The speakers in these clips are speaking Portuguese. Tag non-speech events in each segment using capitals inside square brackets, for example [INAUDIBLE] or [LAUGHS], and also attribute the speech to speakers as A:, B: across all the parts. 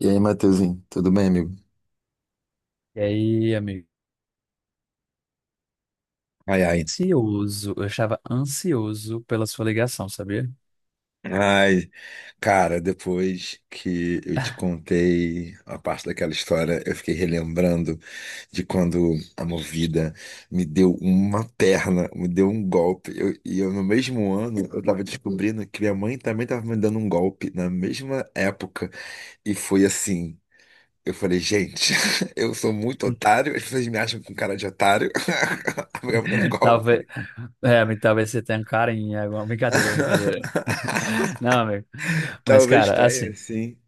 A: E aí, Matheusinho, tudo bem, amigo?
B: E aí, amigo?
A: Ai, ai.
B: Ansioso, eu estava ansioso pela sua ligação, sabia?
A: Ai, cara, depois que eu te contei a parte daquela história, eu fiquei relembrando de quando a Movida me deu uma perna, me deu um golpe. E eu, no mesmo ano, eu tava descobrindo que minha mãe também tava me dando um golpe na mesma época. E foi assim. Eu falei, gente, [LAUGHS] eu sou muito
B: [LAUGHS]
A: otário, as pessoas me acham com cara de otário. [LAUGHS] A mulher me dando um
B: Talvez,
A: golpe.
B: amigo, talvez você tenha um carinho, alguma brincadeira,
A: [LAUGHS]
B: brincadeira. Não, amigo. Mas,
A: Talvez
B: cara,
A: tenha,
B: assim,
A: sim.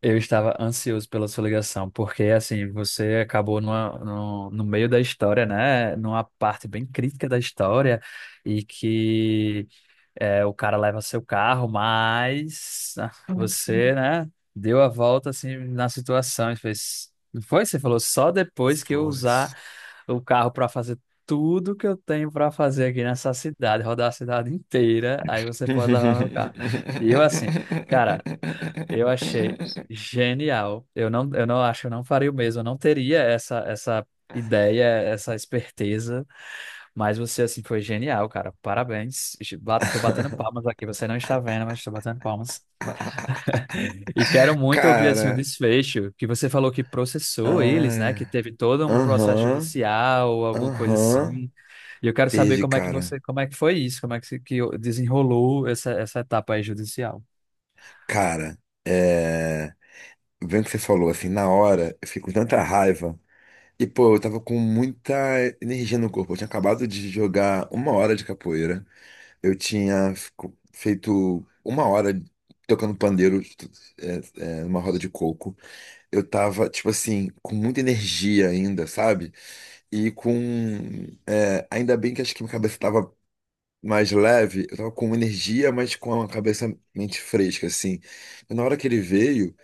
B: eu estava ansioso pela sua ligação, porque, assim, você acabou numa, no, no meio da história, né? Numa parte bem crítica da história, e que é, o cara leva seu carro, mas você, né, deu a volta assim na situação e fez. Não foi? Você falou só depois que eu
A: Força.
B: usar o carro para fazer tudo que eu tenho para fazer aqui nessa cidade, rodar a cidade inteira, aí você pode levar meu carro.
A: [LAUGHS]
B: E eu assim, cara, eu achei genial. Eu não acho, eu não faria o mesmo, eu não teria essa ideia, essa esperteza. Mas você, assim, foi genial, cara. Parabéns. Tô batendo palmas aqui. Você não está vendo, mas tô batendo palmas. E quero muito ouvir, assim, o
A: Cara,
B: desfecho, que você falou que processou eles, né? Que
A: ai,
B: teve todo um processo
A: aham,
B: judicial ou alguma coisa
A: aham,
B: assim. E eu quero saber
A: teve,
B: como é que
A: cara.
B: você, como é que foi isso, como é que, se- que desenrolou essa etapa aí judicial.
A: Cara, é, vendo o que você falou, assim, na hora, eu fiquei com tanta raiva. E, pô, eu tava com muita energia no corpo. Eu tinha acabado de jogar uma hora de capoeira. Eu tinha feito uma hora tocando pandeiro, é, numa roda de coco. Eu tava, tipo assim, com muita energia ainda, sabe? E com. Ainda bem que acho que minha cabeça tava mais leve, eu tava com energia, mas com a cabeça mente fresca, assim. E na hora que ele veio,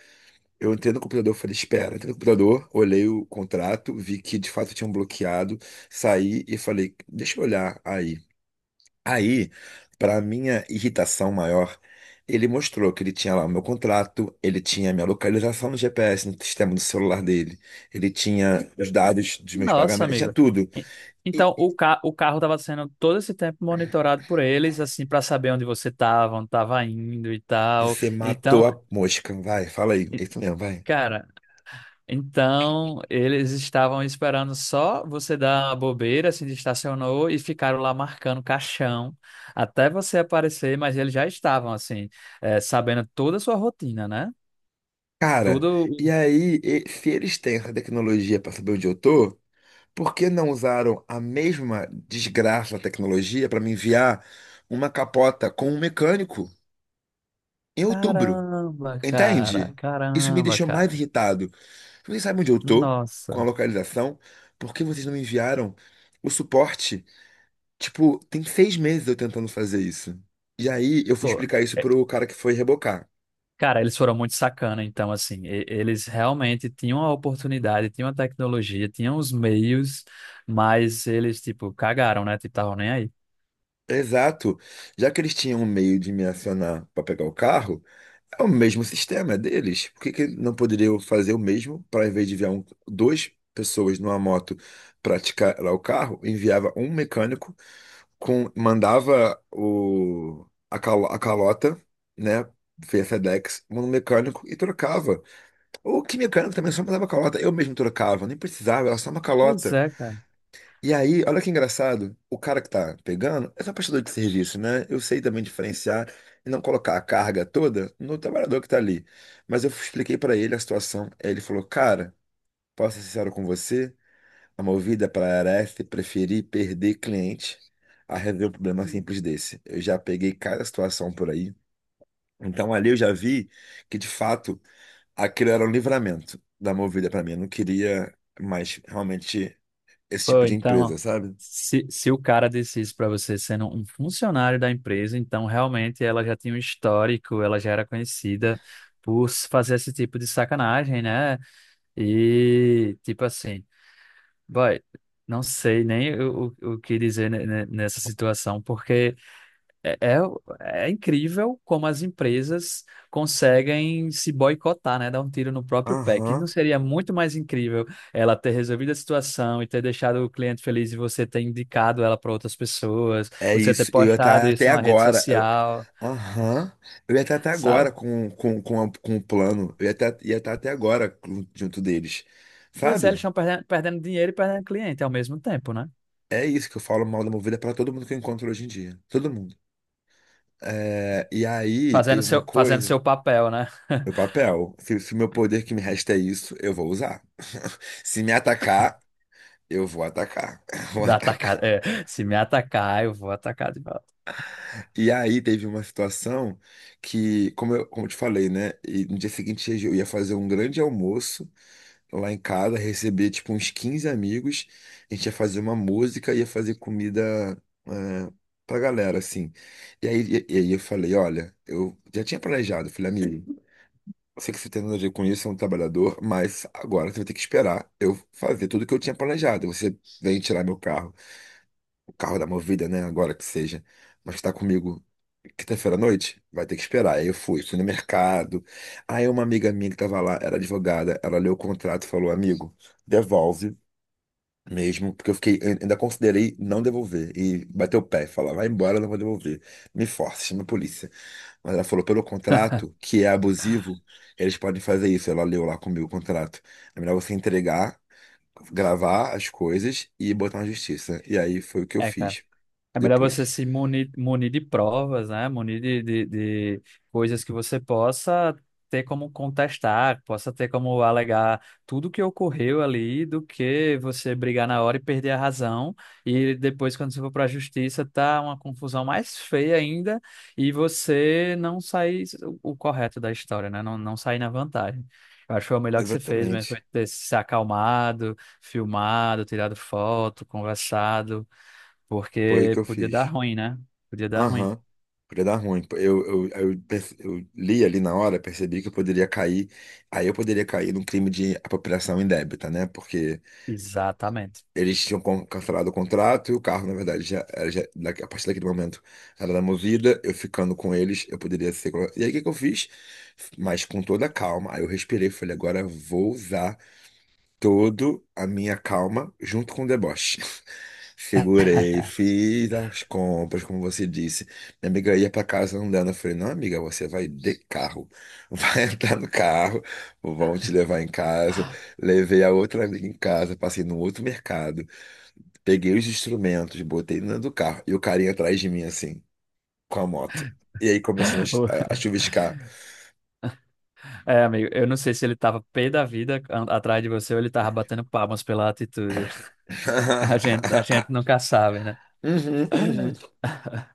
A: eu entrei no computador, falei, espera, entrei no computador, olhei o contrato, vi que de fato tinham bloqueado, saí e falei, deixa eu olhar aí. Aí, para minha irritação maior, ele mostrou que ele tinha lá o meu contrato, ele tinha a minha localização no GPS, no sistema do celular dele, ele tinha os dados dos meus
B: Nossa,
A: pagamentos, tinha
B: amigo.
A: tudo.
B: E-
A: E
B: Então, o carro estava sendo todo esse tempo monitorado por eles, assim, para saber onde você estava, onde estava indo e tal.
A: você matou
B: Então,
A: a mosca, vai, fala aí, é
B: e-
A: isso mesmo, vai.
B: cara. Então, eles estavam esperando só você dar a bobeira, se estacionou e ficaram lá marcando caixão até você aparecer, mas eles já estavam, assim, sabendo toda a sua rotina, né?
A: Cara,
B: Tudo.
A: e aí, se eles têm essa tecnologia para saber onde eu tô, por que não usaram a mesma desgraça da tecnologia para me enviar uma capota com um mecânico em outubro?
B: Caramba, cara,
A: Entende? Isso me
B: caramba,
A: deixou mais
B: cara.
A: irritado. Vocês sabem onde eu tô com a
B: Nossa.
A: localização? Por que vocês não me enviaram o suporte? Tipo, tem seis meses eu tentando fazer isso. E aí eu fui
B: Pô,
A: explicar isso
B: é,
A: pro cara que foi rebocar.
B: cara, eles foram muito sacana, então, assim, eles realmente tinham a oportunidade, tinham a tecnologia, tinham os meios, mas eles, tipo, cagaram, né? Tipo, estavam nem aí.
A: Exato. Já que eles tinham um meio de me acionar para pegar o carro, é o mesmo sistema, é deles. Por que que não poderiam fazer o mesmo para, em vez de enviar um, duas pessoas numa moto praticar lá o carro, enviava um mecânico com, mandava a calota, né? Via FedEx, no mecânico e trocava. Ou que mecânico também só mandava calota, eu mesmo trocava, nem precisava, era só uma
B: Pois
A: calota.
B: é, cara.
A: E aí, olha que engraçado, o cara que tá pegando é só prestador de serviço, né? Eu sei também diferenciar e não colocar a carga toda no trabalhador que tá ali. Mas eu expliquei pra ele a situação, aí ele falou: cara, posso ser sincero com você? Movida para Areste, preferi perder cliente a resolver um problema simples desse. Eu já peguei cada situação por aí. Então ali eu já vi que de fato aquilo era um livramento da Movida para mim. Eu não queria mais realmente esse
B: Pô,
A: tipo de
B: então,
A: empresa, sabe?
B: se o cara disse isso para você sendo um funcionário da empresa, então realmente ela já tinha um histórico, ela já era conhecida por fazer esse tipo de sacanagem, né? E, tipo assim, boy, não sei nem o que dizer nessa situação, porque. É, é, é incrível como as empresas conseguem se boicotar, né? Dar um tiro no próprio pé. Que não
A: Aham.
B: seria muito mais incrível ela ter resolvido a situação e ter deixado o cliente feliz e você ter indicado ela para outras pessoas,
A: É
B: você ter
A: isso. Eu ia
B: postado
A: estar até
B: isso numa rede
A: agora. Eu-
B: social,
A: Aham. Ia estar até agora
B: sabe?
A: com o plano. Ia estar até agora junto junto deles.
B: Pois é, eles
A: Sabe?
B: estão perdendo, perdendo dinheiro e perdendo cliente ao mesmo tempo, né?
A: É isso que eu falo mal da Movida para todo mundo que eu encontro hoje em dia. Todo mundo. É, e aí teve uma
B: Fazendo
A: coisa,
B: seu papel, né?
A: meu papel. Se meu poder que me resta é isso, eu vou usar. [LAUGHS] Se me atacar, eu vou atacar. [LAUGHS] Eu vou atacar.
B: Atacar, é, se me atacar, eu vou atacar de volta.
A: E aí teve uma situação que, como eu te falei, né? E no dia seguinte eu ia fazer um grande almoço lá em casa, receber tipo uns 15 amigos. A gente ia fazer uma música, ia fazer comida, é, pra galera, assim. E aí eu falei, olha, eu já tinha planejado, falei, amigo. Eu sei que você tem nada a ver com isso, é um trabalhador, mas agora você vai ter que esperar eu fazer tudo o que eu tinha planejado. Você vem tirar meu carro, o carro da Movida, né? Agora que seja. Mas tá comigo quinta-feira à noite? Vai ter que esperar. Aí eu fui, fui no mercado. Aí uma amiga minha que tava lá, era advogada, ela leu o contrato e falou: amigo, devolve mesmo, porque eu fiquei, eu ainda considerei não devolver. E bateu o pé, falar: vai embora, eu não vou devolver. Me force, chama a polícia. Mas ela falou pelo contrato, que é abusivo, eles podem fazer isso. Ela leu lá comigo o contrato. É melhor você entregar, gravar as coisas e botar na justiça. E aí foi o que eu
B: É, cara.
A: fiz
B: É melhor você
A: depois.
B: se munir, munir de provas, né? Munir de coisas que você possa ter como contestar, possa ter como alegar tudo que ocorreu ali, do que você brigar na hora e perder a razão. E depois, quando você for para a justiça, tá uma confusão mais feia ainda e você não sair o correto da história, né? Não sair na vantagem. Eu acho que foi o melhor que você fez mesmo, foi
A: Exatamente.
B: ter se acalmado, filmado, tirado foto, conversado.
A: Foi o
B: Porque
A: que eu
B: podia dar
A: fiz.
B: ruim, né? Podia dar ruim.
A: Aham. Podia dar ruim. Eu li ali na hora, percebi que eu poderia cair. Aí eu poderia cair num crime de apropriação indébita, né? Porque
B: Exatamente.
A: eles tinham cancelado o contrato e o carro, na verdade, já, era já a partir daquele momento era da Movida. Eu ficando com eles, eu poderia ser. E aí, o que que eu fiz? Mas com toda a calma. Aí eu respirei, e falei: agora eu vou usar toda a minha calma junto com o deboche. [LAUGHS] Segurei, fiz as compras, como você disse. Minha amiga ia para casa andando. Eu falei: não, amiga, você vai de carro. Vai [LAUGHS] entrar no carro, vão te levar em casa. Levei a outra amiga em casa, passei no outro mercado. Peguei os instrumentos, botei dentro do carro e o carinha atrás de mim, assim, com a moto. E aí começou
B: [LAUGHS] O-
A: a chuviscar.
B: É, amigo, eu não sei se ele tava pé da vida atrás de você ou ele tava batendo palmas pela atitude. [LAUGHS] A gente
A: [LAUGHS]
B: nunca sabe, né?
A: Uhum, uhum.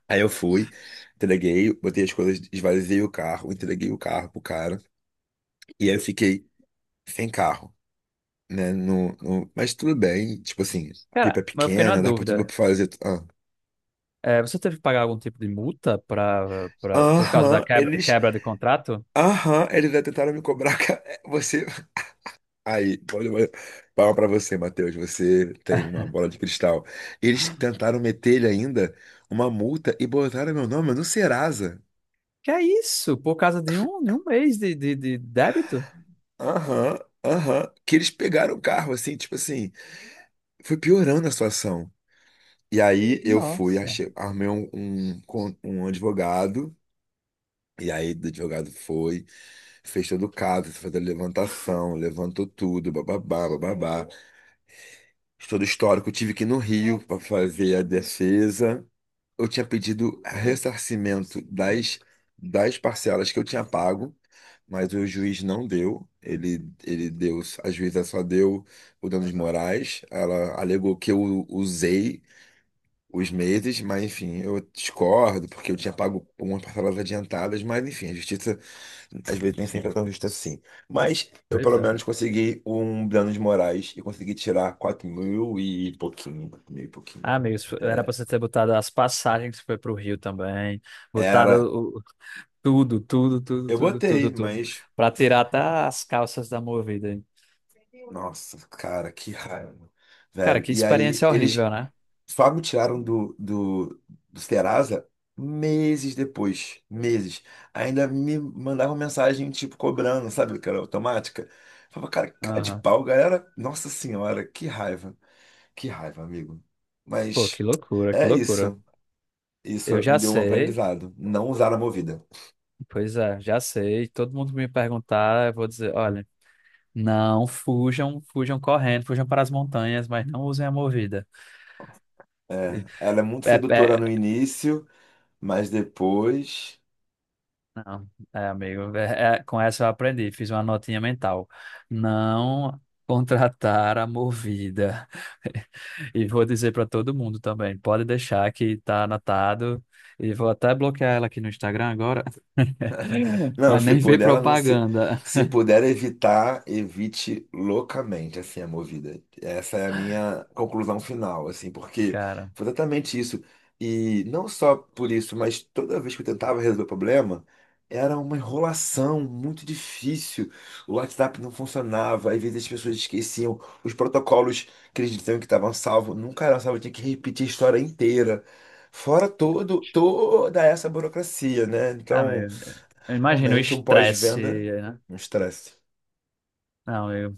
A: Aí eu fui, entreguei, botei as coisas, esvaziei o carro, entreguei o carro pro cara. E aí eu fiquei sem carro, né? Mas tudo bem, tipo assim, a pipa
B: Cara,
A: é
B: mas eu fiquei numa
A: pequena, dá pra tudo
B: dúvida.
A: pra fazer. Ah.
B: É, você teve que pagar algum tipo de multa por causa da
A: Aham,
B: quebra,
A: eles.
B: quebra de contrato?
A: Aham, eles já tentaram me cobrar. [LAUGHS] Você aí, palma pra você, Matheus. Você tem uma
B: [LAUGHS]
A: bola de cristal. Eles tentaram meter lhe ainda uma multa e botaram meu nome no Serasa.
B: Que é isso? Por causa de um mês de débito?
A: Aham, aham. Que eles pegaram o carro, assim, tipo assim. Foi piorando a situação. E aí eu fui,
B: Nossa.
A: achei, armei um advogado. E aí o advogado foi, fez todo o caso, fez a levantação, levantou tudo, bababá, bababá. Todo o histórico. Tive que ir no Rio pra fazer a defesa. Eu tinha pedido ressarcimento das parcelas que eu tinha pago, mas o juiz não deu. Ele deu, a juíza só deu o danos morais. Ela alegou que eu usei os meses, mas enfim, eu discordo, porque eu tinha pago umas parcelas adiantadas, mas enfim, a justiça às vezes nem sempre é tão justa assim. Mas eu
B: Pois
A: pelo
B: é.
A: menos consegui um danos morais e consegui tirar 4 mil e pouquinho, 4 mil e pouquinho.
B: Ah, amigos, era pra
A: É,
B: você ter botado as passagens que foi pro Rio também,
A: era.
B: botado tudo, tudo, tudo,
A: Eu
B: tudo,
A: botei,
B: tudo, tudo.
A: mas
B: Pra tirar até as calças da Movida, hein?
A: nossa, cara, que raiva,
B: Cara,
A: velho.
B: que
A: E aí,
B: experiência
A: eles
B: horrível, né?
A: só me tiraram do Serasa meses depois, meses. Ainda me mandavam mensagem, tipo, cobrando, sabe, cara, automática. Eu falava, cara, que cara de
B: Aham.
A: pau, galera. Nossa senhora, que raiva, amigo.
B: Pô, que
A: Mas
B: loucura, que
A: é
B: loucura.
A: isso. Isso
B: Eu
A: me
B: já
A: deu um
B: sei,
A: aprendizado. Não usar a Movida.
B: pois é, já sei. Todo mundo me perguntar, eu vou dizer, olha, não fujam, fujam correndo, fujam para as montanhas, mas não usem a Movida.
A: É, ela é muito
B: É,
A: sedutora
B: é,
A: no início, mas depois.
B: não, é, amigo, com essa eu aprendi, fiz uma notinha mental. Não contratar a Movida. [LAUGHS] E vou dizer para todo mundo também, pode deixar que tá anotado. E vou até bloquear ela aqui no Instagram agora. [LAUGHS]
A: Não,
B: Ela
A: se
B: nem vê
A: puder, ela não se.
B: propaganda.
A: Se puder evitar, evite loucamente, assim, a movida. Essa é a minha conclusão final, assim, porque
B: Cara,
A: foi exatamente isso. E não só por isso, mas toda vez que eu tentava resolver o problema, era uma enrolação muito difícil. O WhatsApp não funcionava, às vezes as pessoas esqueciam, os protocolos que eles diziam que estavam salvos nunca eram salvos, tinha que repetir a história inteira. Toda essa burocracia, né?
B: ah,
A: Então.
B: meu, eu imagino o
A: Realmente um
B: estresse,
A: pós-venda,
B: né?
A: é um estresse.
B: Não, eu,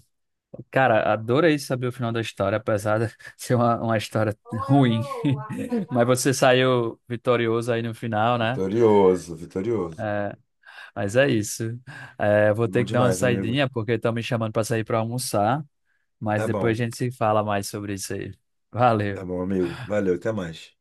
B: cara, adorei saber o final da história, apesar de [LAUGHS] ser uma história ruim. [LAUGHS] Mas você saiu vitorioso aí no final, né?
A: Vitorioso, vitorioso.
B: Mas é isso. É, vou
A: Bom
B: ter que dar uma
A: demais, amigo.
B: saidinha porque estão me chamando para sair para almoçar, mas
A: Tá
B: depois
A: bom,
B: a gente se fala mais sobre isso aí.
A: tá bom,
B: Valeu.
A: amigo. Valeu, até mais.